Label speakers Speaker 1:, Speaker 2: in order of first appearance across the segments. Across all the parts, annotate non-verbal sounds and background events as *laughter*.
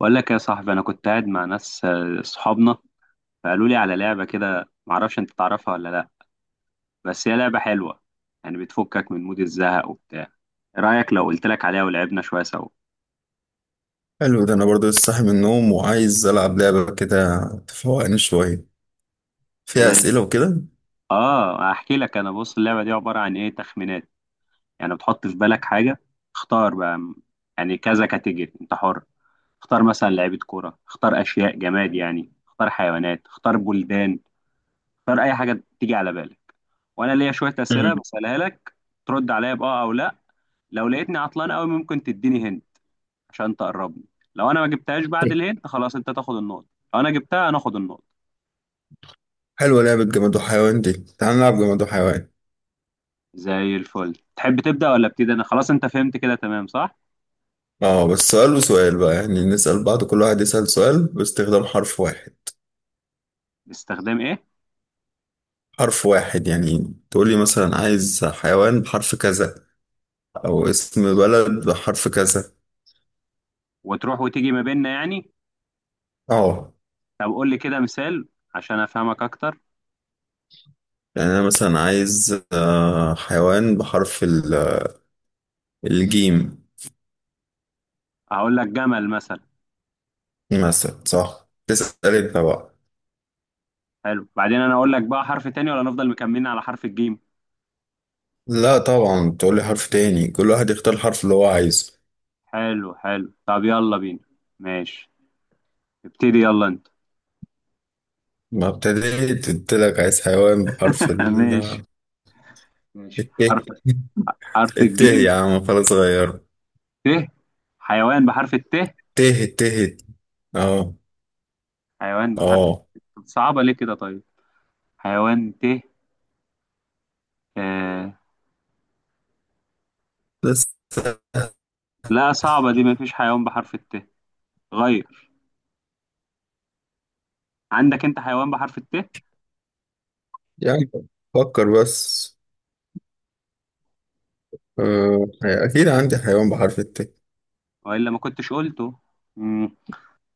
Speaker 1: بقول لك يا صاحبي، انا كنت قاعد مع ناس، صحابنا، فقالوا لي على لعبه كده، معرفش انت تعرفها ولا لا. بس هي لعبه حلوه، يعني بتفكك من مود الزهق وبتاع. إيه رايك لو قلت لك عليها ولعبنا شويه سوا؟
Speaker 2: حلو ده، انا برضه لسه صاحي من النوم وعايز العب لعبه كده تفوقني شويه، فيها
Speaker 1: زي.
Speaker 2: اسئله وكده.
Speaker 1: اه، احكي لك. انا بص، اللعبه دي عباره عن ايه؟ تخمينات. يعني بتحط في بالك حاجه، اختار بقى يعني كذا كاتيجوري، انت حر. اختار مثلا لعيبه كوره، اختار اشياء جماد، يعني اختار حيوانات، اختار بلدان، اختار اي حاجه تيجي على بالك. وانا ليا شويه اسئله
Speaker 2: مم.
Speaker 1: بسالها لك، ترد عليا باه او لا. لو لقيتني عطلان قوي، ممكن تديني هند عشان تقربني. لو انا ما جبتهاش بعد الهند خلاص انت تاخد النقطه، لو انا جبتها انا اخد النقطه.
Speaker 2: حلوه لعبه جماد وحيوان دي، تعال نلعب جماد وحيوان.
Speaker 1: زي الفل. تحب تبدا ولا ابتدي انا؟ خلاص انت فهمت كده تمام صح؟
Speaker 2: اه بس سؤال وسؤال بقى، يعني نسال بعض، كل واحد يسال سؤال باستخدام حرف واحد.
Speaker 1: باستخدام ايه؟
Speaker 2: حرف واحد يعني تقول لي مثلا عايز حيوان بحرف كذا، او اسم بلد بحرف كذا.
Speaker 1: وتروح وتيجي ما بيننا يعني؟
Speaker 2: اه.
Speaker 1: طب قول لي كده مثال عشان افهمك اكتر.
Speaker 2: يعني انا مثلا عايز حيوان بحرف الجيم
Speaker 1: هقول لك جمل مثلا.
Speaker 2: مثلا. صح، تسال انت بقى.
Speaker 1: حلو، بعدين انا اقول لك بقى حرف تاني، ولا نفضل مكملين على حرف الجيم؟
Speaker 2: لا طبعا، تقول لي حرف تاني، كل واحد يختار الحرف اللي هو عايزه.
Speaker 1: حلو حلو، طب يلا بينا. ماشي. ابتدي يلا انت.
Speaker 2: ما ابتديت، قلت لك عايز حيوان بحرف
Speaker 1: *laughs* ماشي.
Speaker 2: ال.
Speaker 1: ماشي، حرف
Speaker 2: الت.
Speaker 1: حرف
Speaker 2: الت
Speaker 1: الجيم.
Speaker 2: يا عم، خلاص غيره.
Speaker 1: ت، حيوان بحرف الت.
Speaker 2: ت. ت. اه.
Speaker 1: حيوان بحرف
Speaker 2: اه
Speaker 1: الت صعبة ليه كده طيب؟ حيوان ت. آه.
Speaker 2: بس
Speaker 1: لا، صعبة دي، مفيش حيوان بحرف الت غير. عندك انت حيوان بحرف الت؟
Speaker 2: يعني، فكر بس. اكيد عندي حيوان بحرف الت.
Speaker 1: وإلا ما كنتش قلته. مم.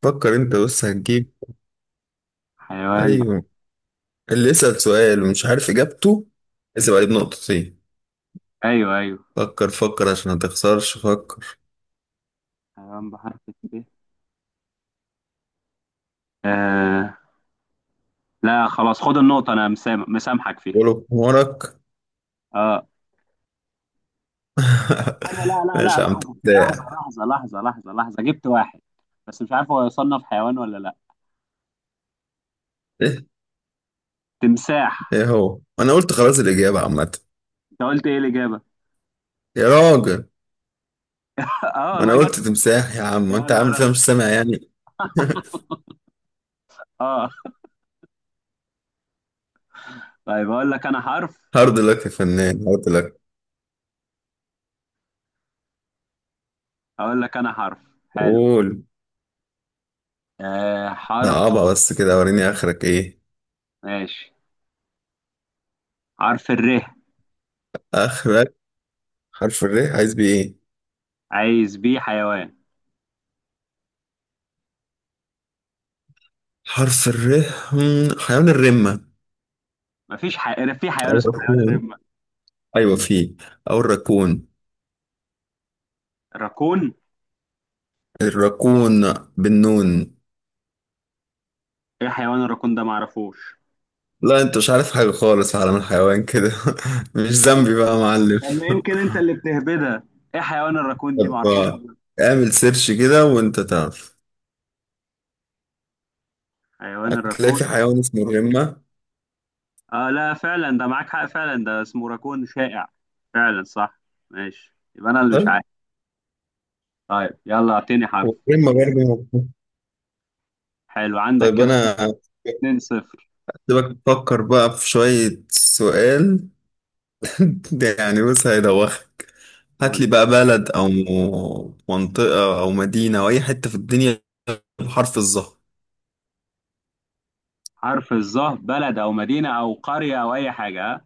Speaker 2: فكر انت بس هتجيب.
Speaker 1: حيوان ب...
Speaker 2: ايوه. اللي يسأل سؤال ومش عارف اجابته اسيب عليه بنقطتين.
Speaker 1: ايوه ايوه.
Speaker 2: فكر فكر عشان ما تخسرش، فكر.
Speaker 1: حيوان بحرف الت. آه. لا، خلاص خد النقطة، انا مسامحك فيها.
Speaker 2: قوله بحمارك.
Speaker 1: اه. انا لا
Speaker 2: *laughs*
Speaker 1: لا لا،
Speaker 2: ماشي يا عم،
Speaker 1: لحظه لحظه
Speaker 2: تبدأ.
Speaker 1: لحظه لحظه لحظه لحظه، جبت واحد، بس مش عارف هو يصنف حيوان ولا لا. تمساح.
Speaker 2: ايه هو؟ انا قلت خلاص، الاجابه عامه.
Speaker 1: انت قلت ايه الاجابه؟
Speaker 2: يا راجل،
Speaker 1: *laughs* اه
Speaker 2: ما انا
Speaker 1: والله جت.
Speaker 2: قلت تمساح يا عم،
Speaker 1: يا
Speaker 2: وانت عامل
Speaker 1: نهار
Speaker 2: فيها
Speaker 1: أبيض.
Speaker 2: مش سامع يعني. *laughs*
Speaker 1: اه. طيب،
Speaker 2: هارد لك يا فنان، هارد لك.
Speaker 1: اقول لك انا حرف. حلو.
Speaker 2: قول.
Speaker 1: آه، حرف.
Speaker 2: صعبة بس كده، وريني اخرك ايه.
Speaker 1: ماشي، حرف الر.
Speaker 2: اخرك حرف الر، عايز بيه ايه؟
Speaker 1: عايز بيه حيوان.
Speaker 2: حرف الر. حيوان الرمة،
Speaker 1: في حيوان
Speaker 2: او
Speaker 1: اسمه حيوان
Speaker 2: الراكون. ايوه فيه، او الراكون.
Speaker 1: الراكون.
Speaker 2: الراكون بالنون.
Speaker 1: ايه حيوان الراكون ده؟ معرفوش.
Speaker 2: لا انت مش عارف حاجة خالص في عالم الحيوان كده. *laughs* مش ذنبي بقى يا معلم.
Speaker 1: طب ما يمكن انت اللي بتهبدها. ايه حيوان
Speaker 2: *laughs*
Speaker 1: الراكون دي؟
Speaker 2: طب
Speaker 1: معرفوش والله.
Speaker 2: اعمل سيرش كده وانت تعرف.
Speaker 1: حيوان
Speaker 2: هتلاقي
Speaker 1: الراكون.
Speaker 2: في حيوان اسمه الرمة.
Speaker 1: آه لا فعلا، ده معاك حق، فعلا ده اسمه راكون شائع. فعلا صح. ماشي، يبقى انا اللي مش
Speaker 2: مثلاً،
Speaker 1: عارف. طيب يلا اعطيني حرف.
Speaker 2: والرمة برضه موجودة.
Speaker 1: حلو، عندك
Speaker 2: طيب
Speaker 1: كده
Speaker 2: أنا
Speaker 1: 2 0.
Speaker 2: سيبك تفكر بقى في شوية سؤال. *laughs* ده يعني بص، هيدوخك. هات
Speaker 1: قول.
Speaker 2: لي بقى بلد أو منطقة أو مدينة أو أي حتة في الدنيا بحرف الظهر.
Speaker 1: حرف الظهر، بلد او مدينة او قرية او اي حاجة، ها؟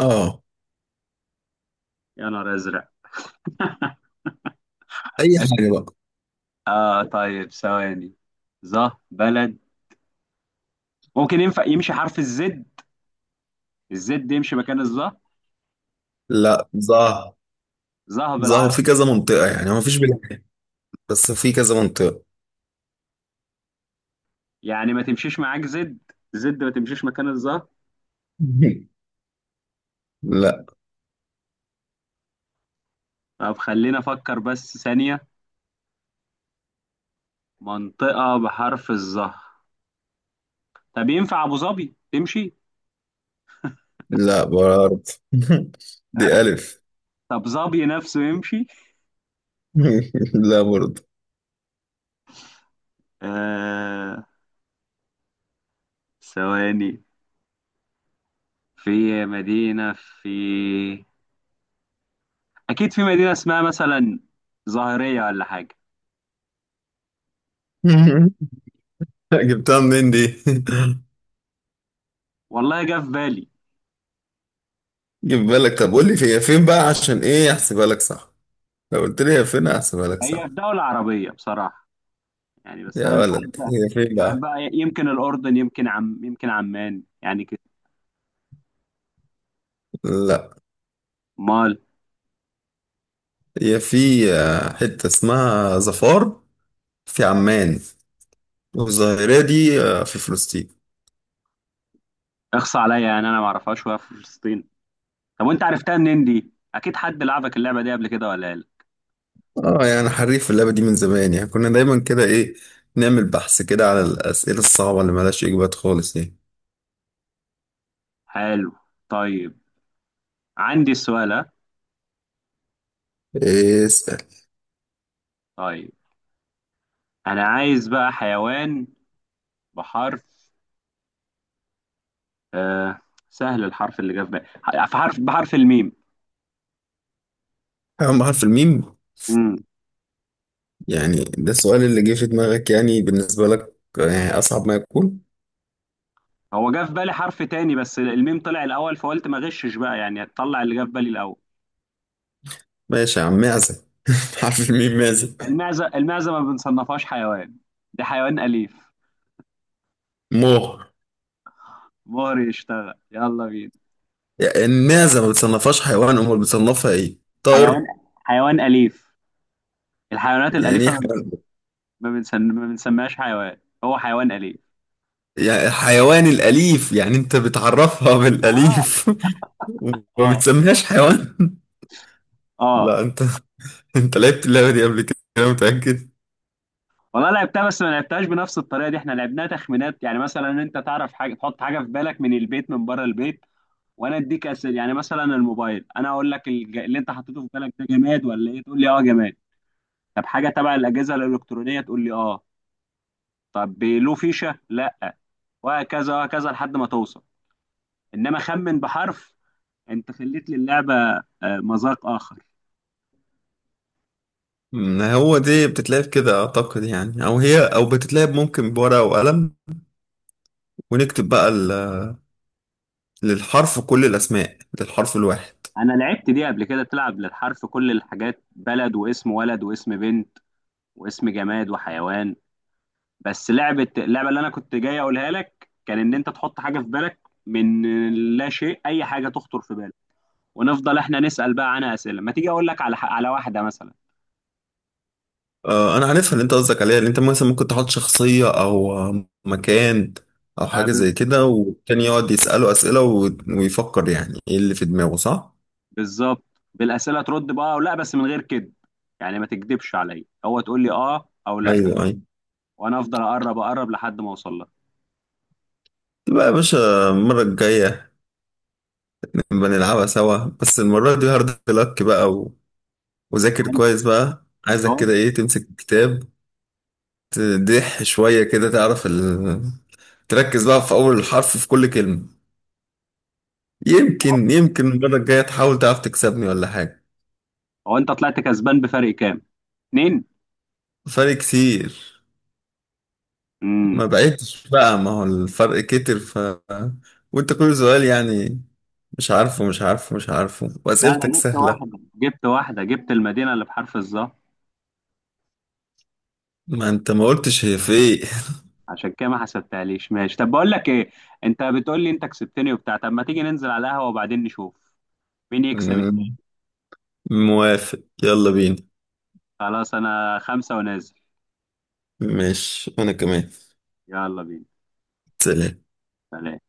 Speaker 2: آه،
Speaker 1: يا نهار ازرق.
Speaker 2: أي حاجة بقى.
Speaker 1: اه طيب، ثواني. ظه بلد. ممكن ينفع يمشي حرف الزد؟ الزد يمشي مكان الظه؟
Speaker 2: لا، ظهر.
Speaker 1: ظه
Speaker 2: ظهر
Speaker 1: بالعربي.
Speaker 2: في كذا منطقة، يعني ما فيش بلاد يعني، بس في كذا منطقة.
Speaker 1: يعني ما تمشيش معاك زد؟ زد ما تمشيش مكان الظه؟
Speaker 2: *laughs* لا.
Speaker 1: طب خلينا افكر بس ثانية. منطقة بحرف الظه. طب ينفع ابو ظبي تمشي؟
Speaker 2: لا برضه. *laughs* دي ألف.
Speaker 1: طب ظبي نفسه يمشي؟
Speaker 2: *laughs* لا برضه.
Speaker 1: آه، ثواني. في مدينة في أكيد في مدينة اسمها مثلا ظاهرية ولا حاجة.
Speaker 2: *laughs* *laughs* جبتها منين دي؟ *laughs*
Speaker 1: والله جه في بالي.
Speaker 2: جيب بالك. طب قول لي هي فين بقى، عشان ايه احسبها لك صح. لو قلت لي هي فين احسبها لك صح.
Speaker 1: هي في دولة عربية بصراحة، يعني بس
Speaker 2: يا
Speaker 1: أنا
Speaker 2: ولد، هي فين
Speaker 1: مش عارف
Speaker 2: بقى؟
Speaker 1: بقى، يمكن الأردن، يمكن عمان يعني كده.
Speaker 2: لا.
Speaker 1: أمال.
Speaker 2: هي في حتة اسمها ظفار في عمان، والظاهرة دي في فلسطين.
Speaker 1: اخصى عليا، يعني أنا ما أعرفهاش وهي في فلسطين؟ طب وأنت عرفتها منين دي؟ أكيد حد لعبك اللعبة دي قبل كده ولا لا؟
Speaker 2: اه يعني، حريف في اللعبة دي من زمان يعني، كنا دايما كده ايه، نعمل بحث كده على الأسئلة الصعبة اللي ملهاش إجابات خالص دي.
Speaker 1: حلو. طيب، عندي السؤال، ها؟
Speaker 2: اسأل.
Speaker 1: طيب، انا عايز بقى حيوان بحرف، آه، سهل، الحرف اللي جه في بالي في حرف، بحرف الميم.
Speaker 2: أهم حرف الميم.
Speaker 1: امم
Speaker 2: يعني ده السؤال اللي جه في دماغك، يعني بالنسبة لك يعني أصعب ما يكون.
Speaker 1: هو جه في بالي حرف تاني، بس الميم طلع الاول فقلت ما غشش بقى، يعني هتطلع اللي جه في بالي الاول.
Speaker 2: ماشي يا عم، معزة. *laughs* عارف مين معزة؟
Speaker 1: المعزه المعزه ما بنصنفهاش حيوان، ده حيوان اليف.
Speaker 2: مو.
Speaker 1: مهر يشتغل، يلا بينا.
Speaker 2: يعني المعزة ما بتصنفهاش حيوان، امال بتصنفها ايه؟
Speaker 1: حيوان،
Speaker 2: طائر؟
Speaker 1: حيوان اليف، الحيوانات
Speaker 2: يعني
Speaker 1: الاليفه.
Speaker 2: ايه حيوان؟
Speaker 1: ما بنسميهاش حيوان، هو حيوان اليف.
Speaker 2: يعني الحيوان الأليف، يعني انت بتعرفها
Speaker 1: اه.
Speaker 2: بالأليف. *laughs* وما
Speaker 1: اه.
Speaker 2: بتسميهاش حيوان. *laughs*
Speaker 1: اه
Speaker 2: لا انت، انت لعبت اللعبة دي قبل كده انا متأكد.
Speaker 1: والله لعبتها، بس ما لعبتهاش بنفس الطريقه دي. احنا لعبناها تخمينات، يعني مثلا انت تعرف حاجه، تحط حاجه في بالك، من البيت من بره البيت، وانا اديك اسئله. يعني مثلا الموبايل، انا اقول لك اللي انت حطيته في بالك ده جماد ولا ايه؟ تقول لي اه جماد. طب حاجه تبع الاجهزه الالكترونيه؟ تقول لي اه. طب له فيشه؟ لا. وهكذا وهكذا لحد ما توصل. انما خمن بحرف، انت خليت للعبه مذاق اخر.
Speaker 2: ما هو دي بتتلعب كده اعتقد يعني، او هي او بتتلعب ممكن بورقة وقلم، ونكتب بقى للحرف كل الاسماء للحرف الواحد.
Speaker 1: انا لعبت دي قبل كده، تلعب للحرف كل الحاجات، بلد واسم ولد واسم بنت واسم جماد وحيوان. بس لعبه اللعبه اللي انا كنت جاي اقولها لك، كان ان انت تحط حاجه في بالك من لا شيء، اي حاجه تخطر في بالك، ونفضل احنا نسال بقى عنها اسئله. ما تيجي اقول لك على على واحده مثلا.
Speaker 2: انا عارفها اللي انت قصدك عليها. اللي انت مثلا ممكن تحط شخصية او مكان او
Speaker 1: آه،
Speaker 2: حاجة زي
Speaker 1: بز-
Speaker 2: كده، والتاني يقعد يسأله أسئلة ويفكر يعني ايه اللي في دماغه، صح؟
Speaker 1: بالظبط. بالاسئله ترد بقى او لا، بس من غير كذب، يعني ما تكذبش عليا، هو تقول لي اه او لا.
Speaker 2: ايوه ايوه.
Speaker 1: وانا افضل اقرب اقرب لحد ما اوصل لك.
Speaker 2: تبقى يا باشا المرة الجاية نبقى نلعبها سوا. بس المرة دي هارد لك بقى، وذاكر
Speaker 1: هو أنت-
Speaker 2: كويس بقى، عايزك
Speaker 1: هو
Speaker 2: كده ايه، تمسك الكتاب، تدح شوية كده، تعرف. تركز بقى في أول حرف في كل كلمة، يمكن يمكن المرة الجاية تحاول تعرف تكسبني ولا حاجة.
Speaker 1: هو انت طلعت كسبان بفرق كام؟ اتنين.
Speaker 2: فرق كتير.
Speaker 1: امم
Speaker 2: ما بقيتش بقى، ما هو الفرق كتر ف. وانت كل سؤال يعني، مش عارفه، مش عارفه، مش عارفه،
Speaker 1: لا،
Speaker 2: واسئلتك
Speaker 1: انا جبت
Speaker 2: سهلة.
Speaker 1: واحده، جبت واحده، جبت المدينه اللي بحرف الظهر.
Speaker 2: ما انت ما قلتش هي في ايه.
Speaker 1: عشان كده ما حسبتهاليش. ماشي، طب بقول لك ايه، انت بتقول لي انت كسبتني وبتاع، طب ما تيجي ننزل على القهوة وبعدين نشوف مين يكسب
Speaker 2: *laughs*
Speaker 1: التاني.
Speaker 2: موافق، يلا بينا.
Speaker 1: خلاص، انا خمسة ونازل.
Speaker 2: ماشي انا كمان.
Speaker 1: يلا بينا.
Speaker 2: سلام.
Speaker 1: سلام.